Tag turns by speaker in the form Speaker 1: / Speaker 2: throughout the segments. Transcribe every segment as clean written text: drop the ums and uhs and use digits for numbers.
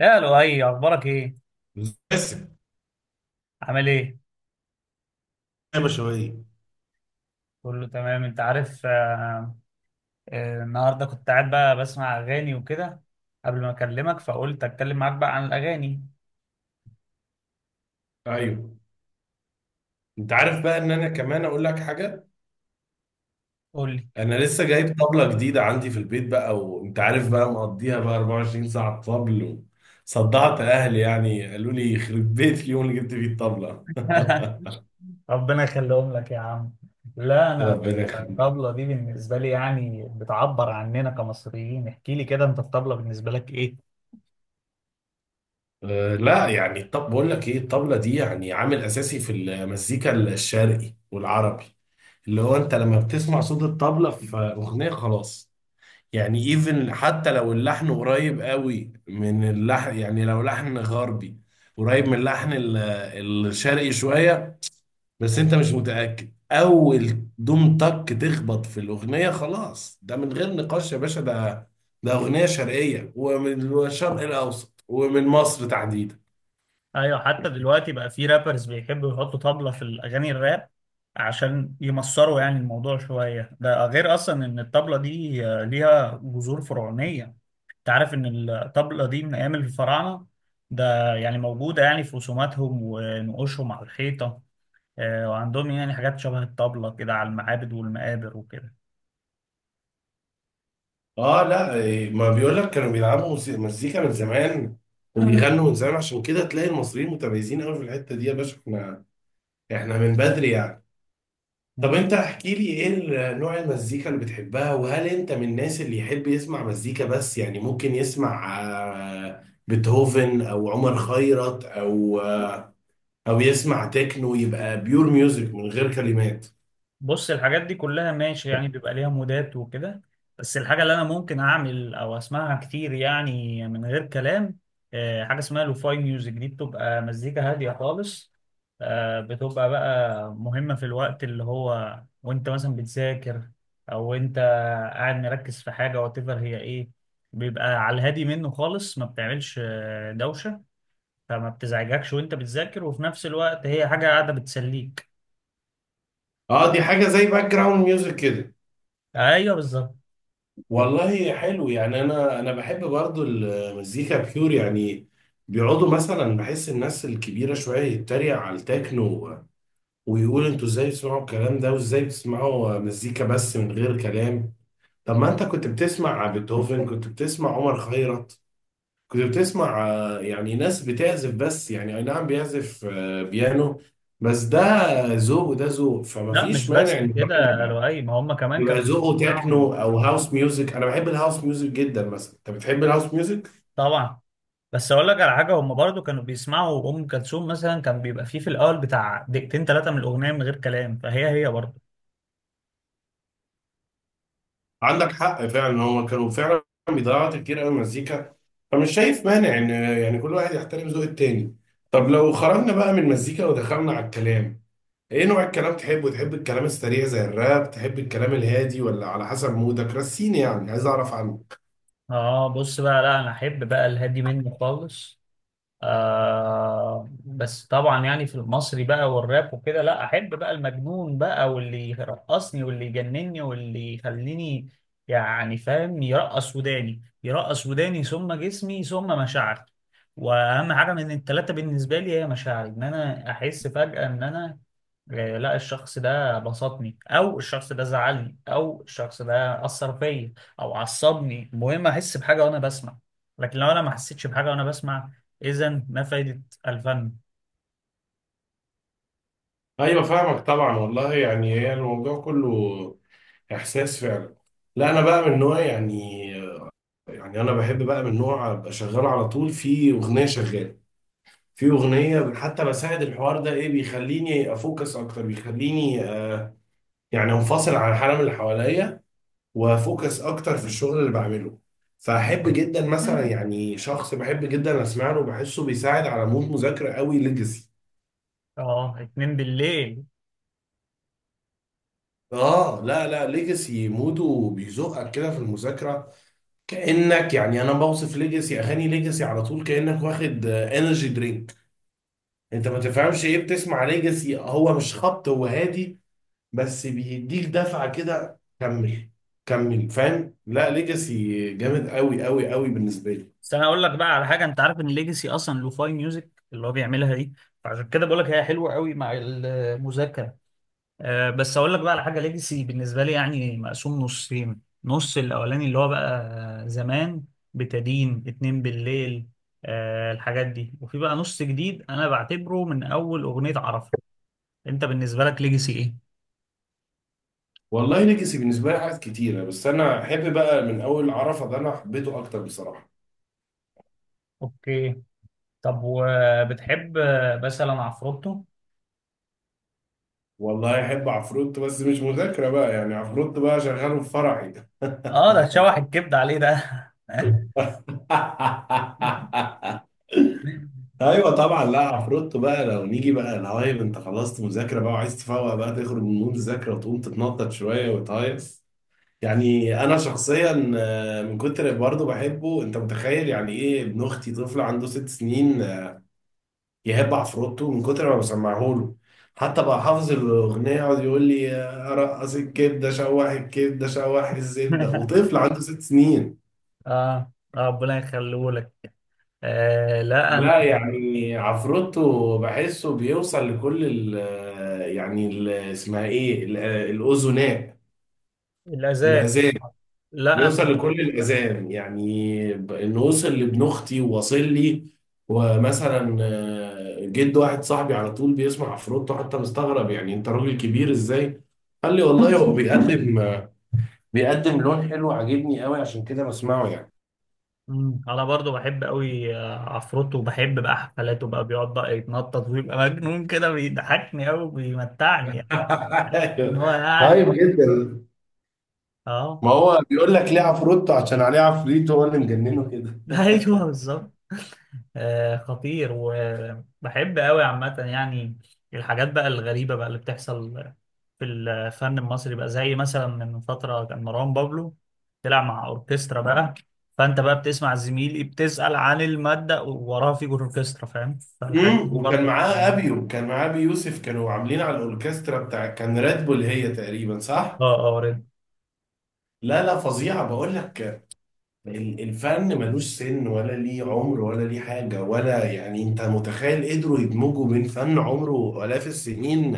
Speaker 1: يا لؤي، اخبارك ايه؟
Speaker 2: بس،
Speaker 1: عامل ايه؟
Speaker 2: يا بشوية.
Speaker 1: كله تمام، انت عارف. النهارده كنت قاعد بقى بسمع اغاني وكده قبل ما اكلمك، فقلت اتكلم معاك بقى عن الاغاني.
Speaker 2: ايوه، انت عارف بقى ان انا كمان اقول لك حاجه.
Speaker 1: قول لي.
Speaker 2: انا لسه جايب طبله جديده عندي في البيت بقى، وانت عارف بقى مقضيها بقى 24 ساعه طبل. صدعت اهلي يعني، قالوا لي يخرب بيت اليوم اللي جبت فيه الطبله.
Speaker 1: ربنا يخليهم لك يا عم. لا، انا.
Speaker 2: ربنا يخليك.
Speaker 1: الطبلة دي بالنسبة لي يعني بتعبر عننا كمصريين. احكي لي كده انت، الطبلة بالنسبة لك؟
Speaker 2: أه لا يعني، طب بقول لك ايه، الطبله دي يعني عامل اساسي في المزيكا الشرقي والعربي، اللي هو انت لما بتسمع صوت الطبله في اغنيه خلاص، يعني ايفن حتى لو اللحن قريب قوي من اللحن، يعني لو لحن غربي قريب من اللحن الشرقي شوية، بس انت مش متأكد، اول دوم تك تخبط في الاغنية خلاص، ده من غير نقاش يا باشا، ده اغنية شرقية ومن الشرق الاوسط ومن مصر تحديدا.
Speaker 1: ايوه، حتى دلوقتي بقى في رابرز بيحبوا يحطوا طبلة في الاغاني الراب عشان يمصروا يعني الموضوع شوية. ده غير اصلا ان الطبلة دي ليها جذور فرعونية. انت عارف ان الطبلة دي من ايام الفراعنة، ده يعني موجودة يعني في رسوماتهم ونقوشهم على الحيطة. وعندهم يعني حاجات شبه الطبلة كده على المعابد والمقابر وكده.
Speaker 2: اه لا ما بيقول لك كانوا بيلعبوا مزيكا من زمان، اه وبيغنوا من زمان، عشان كده تلاقي المصريين متميزين قوي في الحتة دي يا باشا. احنا من بدري يعني. طب انت احكي لي ايه نوع المزيكا اللي بتحبها، وهل انت من الناس اللي يحب يسمع مزيكا بس؟ يعني ممكن يسمع بيتهوفن او عمر خيرت، او او يسمع تكنو يبقى بيور ميوزك من غير كلمات.
Speaker 1: بص، الحاجات دي كلها ماشي يعني بيبقى ليها مودات وكده، بس الحاجة اللي أنا ممكن أعمل أو أسمعها كتير يعني من غير كلام، حاجة اسمها لوفاي ميوزك. دي بتبقى مزيكا هادية خالص، بتبقى بقى مهمة في الوقت اللي هو وأنت مثلا بتذاكر، أو أنت قاعد مركز في حاجة واتيفر هي إيه. بيبقى على الهادي منه خالص، ما بتعملش دوشة، فما بتزعجكش وأنت بتذاكر، وفي نفس الوقت هي حاجة قاعدة بتسليك.
Speaker 2: اه، دي حاجة زي باك جراوند ميوزك كده.
Speaker 1: أيوه، بالظبط.
Speaker 2: والله حلو. يعني انا بحب برضو المزيكا بيور يعني، بيقعدوا مثلا، بحس الناس الكبيرة شوية يتريق على التكنو ويقول انتوا ازاي بتسمعوا الكلام ده، وازاي بتسمعوا مزيكا بس من غير كلام؟ طب ما انت كنت بتسمع بيتهوفن، كنت بتسمع عمر خيرت، كنت بتسمع يعني ناس بتعزف بس، يعني اي نعم بيعزف بيانو بس، ده ذوق وده ذوق، فما
Speaker 1: لا، مش
Speaker 2: فيش مانع
Speaker 1: بس
Speaker 2: ان
Speaker 1: كده
Speaker 2: الواحد
Speaker 1: يا
Speaker 2: يبقى،
Speaker 1: لؤي، ما هم كمان
Speaker 2: يبقى
Speaker 1: كانوا
Speaker 2: ذوقه
Speaker 1: بيسمعوا.
Speaker 2: تكنو او هاوس ميوزك. انا بحب الهاوس ميوزك جدا مثلا، انت بتحب الهاوس ميوزك؟
Speaker 1: طبعا. بس اقول لك على حاجه، هم برضو كانوا بيسمعوا ام كلثوم مثلا، كان بيبقى فيه في الاول بتاع دقيقتين ثلاثه من الاغنيه من غير كلام، فهي هي برضو.
Speaker 2: عندك حق فعلا، هو كانوا فعلا بيضيعوا وقت كتير قوي مزيكا، فمش شايف مانع ان يعني كل واحد يحترم ذوق التاني. طب لو خرجنا بقى من المزيكا ودخلنا على الكلام، ايه نوع الكلام تحبه؟ تحب الكلام السريع زي الراب، تحب الكلام الهادي، ولا على حسب مودك رسيني؟ يعني عايز اعرف عنه.
Speaker 1: اه، بص بقى، لا انا احب بقى الهادي منه خالص. بس طبعا يعني في المصري بقى والراب وكده، لا احب بقى المجنون بقى، واللي يرقصني واللي يجنني واللي يخليني يعني، فاهم، يرقص وداني يرقص وداني ثم جسمي ثم مشاعري. واهم حاجه من الثلاثه بالنسبه لي هي مشاعري، ان انا احس فجاه ان انا لا، الشخص ده بسطني او الشخص ده زعلني او الشخص ده اثر فيا او عصبني، المهم احس بحاجه وانا بسمع، لكن لو انا ما حسيتش بحاجه وانا بسمع، اذا ما فايده الفن؟
Speaker 2: ايوه، فاهمك طبعا. والله يعني هي الموضوع كله احساس فعلا. لا، انا بقى من نوع يعني، يعني انا بحب بقى من نوع ابقى شغال على طول في اغنيه شغاله، في اغنيه حتى بساعد الحوار ده، ايه بيخليني افوكس اكتر، بيخليني آه يعني انفصل عن العالم اللي حواليا، وافوكس اكتر في الشغل اللي بعمله. فاحب جدا مثلا، يعني شخص بحب جدا اسمع له، بحسه بيساعد على مود مذاكره قوي، ليجاسي.
Speaker 1: اه، 2 بالليل.
Speaker 2: اه لا لا، ليجاسي موده بيزقك كده في المذاكره. كانك يعني، انا بوصف ليجاسي، اغاني ليجاسي على طول كانك واخد انرجي درينك. انت ما تفهمش ايه بتسمع ليجاسي، هو مش خبط، هو هادي، بس بيديك دفعة كده، كمل، كمل. فاهم؟ لا ليجاسي جامد قوي قوي قوي بالنسبة لي.
Speaker 1: بس انا اقول لك بقى على حاجه، انت عارف ان ليجاسي اصلا لوفاي ميوزك اللي هو بيعملها دي، فعشان كده بقول لك هي حلوه قوي مع المذاكره. بس اقول لك بقى على حاجه، ليجاسي بالنسبه لي يعني مقسوم نصين، نص الاولاني اللي هو بقى زمان، بتدين 2 بالليل، الحاجات دي، وفي بقى نص جديد انا بعتبره من اول اغنيه عرفه. انت بالنسبه لك ليجاسي ايه؟
Speaker 2: والله ليجاسي بالنسبة لي حاجات كتيرة، بس أنا أحب بقى من أول عرفة، ده أنا حبيته أكتر بصراحة.
Speaker 1: اوكي. طب وبتحب مثلا عفروتو؟
Speaker 2: والله أحب عفروت، بس مش مذاكرة بقى، يعني عفروت بقى شغاله في فرعي.
Speaker 1: اه، ده تشوح الكبد عليه ده.
Speaker 2: ايوه طبعا، لا عفروتو بقى لو نيجي بقى الهايب، انت خلصت مذاكره بقى وعايز تفوق بقى تخرج من المذاكره وتقوم تتنطط شويه وتهيص. يعني انا شخصيا من كتر برضه بحبه، انت متخيل يعني ايه، ابن اختي طفل عنده 6 سنين يحب عفروتو من كتر ما بسمعه له. حتى بقى حافظ الاغنيه، يقعد يقول لي رقص الكبده، شوح الكبده، شوح الزبده،
Speaker 1: اه.
Speaker 2: وطفل عنده 6 سنين.
Speaker 1: آه. ربنا يخليه لك. لا، انا.
Speaker 2: لا يعني عفروتو بحسه بيوصل لكل ال آه، يعني ال- اسمها ايه الاذناء،
Speaker 1: الاذان.
Speaker 2: الاذان،
Speaker 1: لا.
Speaker 2: بيوصل لكل الأذان يعني إنه وصل لابن أختي وواصل لي. ومثلا جد واحد صاحبي على طول بيسمع عفروتو، حتى مستغرب يعني أنت راجل كبير إزاي؟ قال لي والله هو بيقدم بيقدم لون حلو عاجبني قوي، عشان كده بسمعه يعني.
Speaker 1: انا برضو بحب قوي عفروتو، وبحب بقى حفلاته بقى، بيقعد بقى يتنطط ويبقى مجنون كده، بيضحكني قوي بيمتعني يعني. بحس ان
Speaker 2: أيوه.
Speaker 1: هو يعني.
Speaker 2: طيب جدا.
Speaker 1: اه.
Speaker 2: ما هو بيقول لك ليه عفروتو، عشان عليه عفريت هو اللي مجننه كده.
Speaker 1: ايوه، بالظبط. خطير وبحب قوي عامة يعني. الحاجات بقى الغريبة بقى اللي بتحصل في الفن المصري بقى، زي مثلا من فترة كان مروان بابلو طلع مع أوركسترا بقى، فأنت بقى بتسمع زميلي بتسأل عن المادة ووراها فيجر أوركسترا، فاهم، فالحاجات دي
Speaker 2: وكان
Speaker 1: برضه.
Speaker 2: معاه ابيو كان معاه ابي يوسف، كانوا عاملين على الاوركسترا بتاع كان راد بول، هي تقريبا صح؟
Speaker 1: اه، اه، قريت.
Speaker 2: لا لا فظيعة بقول لك. الفن ملوش سن، ولا ليه عمر، ولا ليه حاجة، ولا يعني. انت متخيل قدروا يدمجوا بين فن عمره آلاف السنين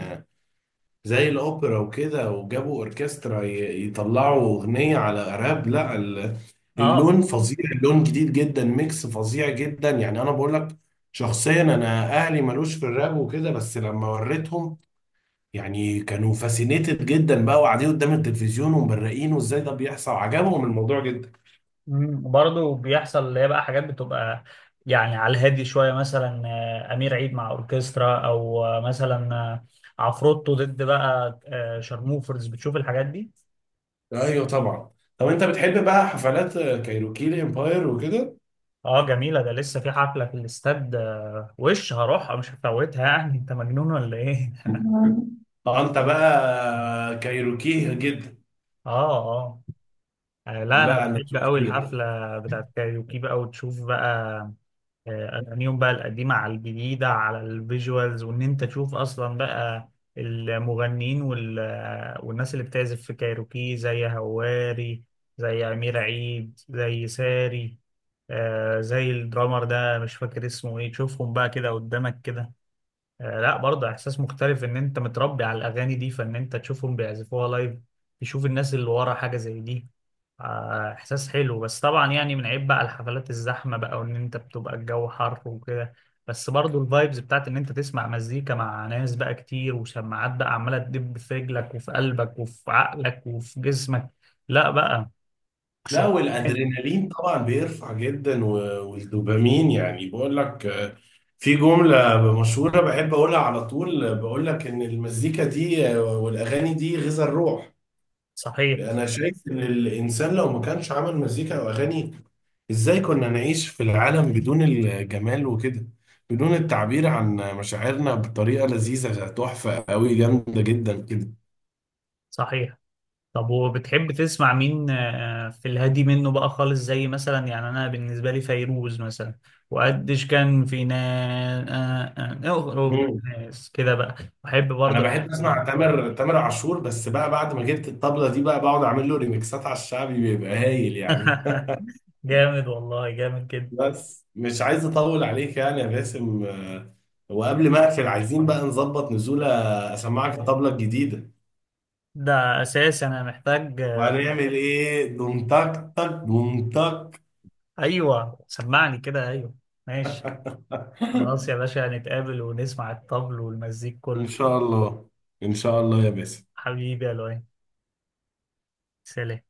Speaker 2: زي الأوبرا وكده، وجابوا أوركسترا يطلعوا أغنية على راب، لا
Speaker 1: اه.
Speaker 2: اللون فظيع، اللون جديد جدا، ميكس فظيع جدا. يعني أنا بقول لك، شخصيا أنا أهلي ملوش في الراب وكده، بس لما وريتهم يعني كانوا فاسينيتد جدا بقى، وقاعدين قدام التلفزيون ومبرقين، وازاي ده بيحصل؟ عجبهم الموضوع جدا.
Speaker 1: برضه بيحصل اللي هي بقى حاجات بتبقى يعني على الهادي شويه، مثلا امير عيد مع اوركسترا، او آه، مثلا آه، عفروتو ضد بقى شارموفرز، بتشوف الحاجات دي.
Speaker 2: ايوه طبعا. طب انت بتحب بقى حفلات كايروكي الامباير وكده؟
Speaker 1: اه، جميله، ده لسه في حفله في الاستاد، وش هروحها مش هفوتها يعني، انت مجنون ولا ايه؟
Speaker 2: مم. اه، انت بقى كايروكيه جدا.
Speaker 1: اه، اه. لا انا
Speaker 2: لا انا
Speaker 1: بحب قوي
Speaker 2: سكري.
Speaker 1: الحفله بتاعت كايروكي بقى، وتشوف بقى اغانيهم بقى القديمه على الجديده على الفيجوالز، وان انت تشوف اصلا بقى المغنيين والناس اللي بتعزف في كايروكي، زي هواري، زي امير عيد، زي ساري، زي الدرامر ده، مش فاكر اسمه ايه، تشوفهم بقى كده قدامك كده. لا، برضه احساس مختلف ان انت متربي على الاغاني دي، فان انت تشوفهم بيعزفوها لايف، تشوف الناس اللي ورا حاجه زي دي. احساس حلو، بس طبعا يعني من عيب بقى الحفلات الزحمه بقى، وان انت بتبقى الجو حر وكده، بس برضو الفايبز بتاعت ان انت تسمع مزيكا مع ناس بقى كتير، وسماعات بقى عماله تدب في رجلك وفي قلبك وفي عقلك وفي جسمك، لا بقى
Speaker 2: لا
Speaker 1: شغل تاني.
Speaker 2: والادرينالين طبعا بيرفع جدا، والدوبامين يعني. بقول لك في جملة مشهورة بحب اقولها على طول، بقول لك ان المزيكا دي والاغاني دي غذاء الروح.
Speaker 1: صحيح.
Speaker 2: انا شايف ان الانسان لو ما كانش عمل مزيكا او اغاني، ازاي كنا نعيش في العالم بدون الجمال وكده، بدون التعبير عن مشاعرنا بطريقة لذيذة، تحفة قوي، جامدة جدا كده.
Speaker 1: صحيح. طب وبتحب تسمع مين في الهادي منه بقى خالص؟ زي مثلا يعني انا بالنسبه لي فيروز مثلا، وقديش كان في ناس،
Speaker 2: مم.
Speaker 1: ناس كده بقى، بحب
Speaker 2: انا
Speaker 1: برضه.
Speaker 2: بحب اسمع تامر، عاشور، بس بقى بعد ما جبت الطبلة دي بقى بقعد اعمل له ريميكسات على الشعبي، بيبقى هايل يعني.
Speaker 1: جامد والله، جامد جدا.
Speaker 2: بس مش عايز اطول عليك يعني يا باسم، وقبل ما اقفل عايزين بقى نظبط نزولة، اسمعك الطبلة الجديدة.
Speaker 1: ده اساس انا محتاج.
Speaker 2: وهنعمل ايه، دوم تك تك بوم تك.
Speaker 1: ايوه، سمعني كده، ايوه. ماشي. خلاص يا باشا، هنتقابل ونسمع الطبل والمزيك كله.
Speaker 2: ان شاء الله، ان شاء الله يا باسم.
Speaker 1: حبيبي يا لؤي. سلام.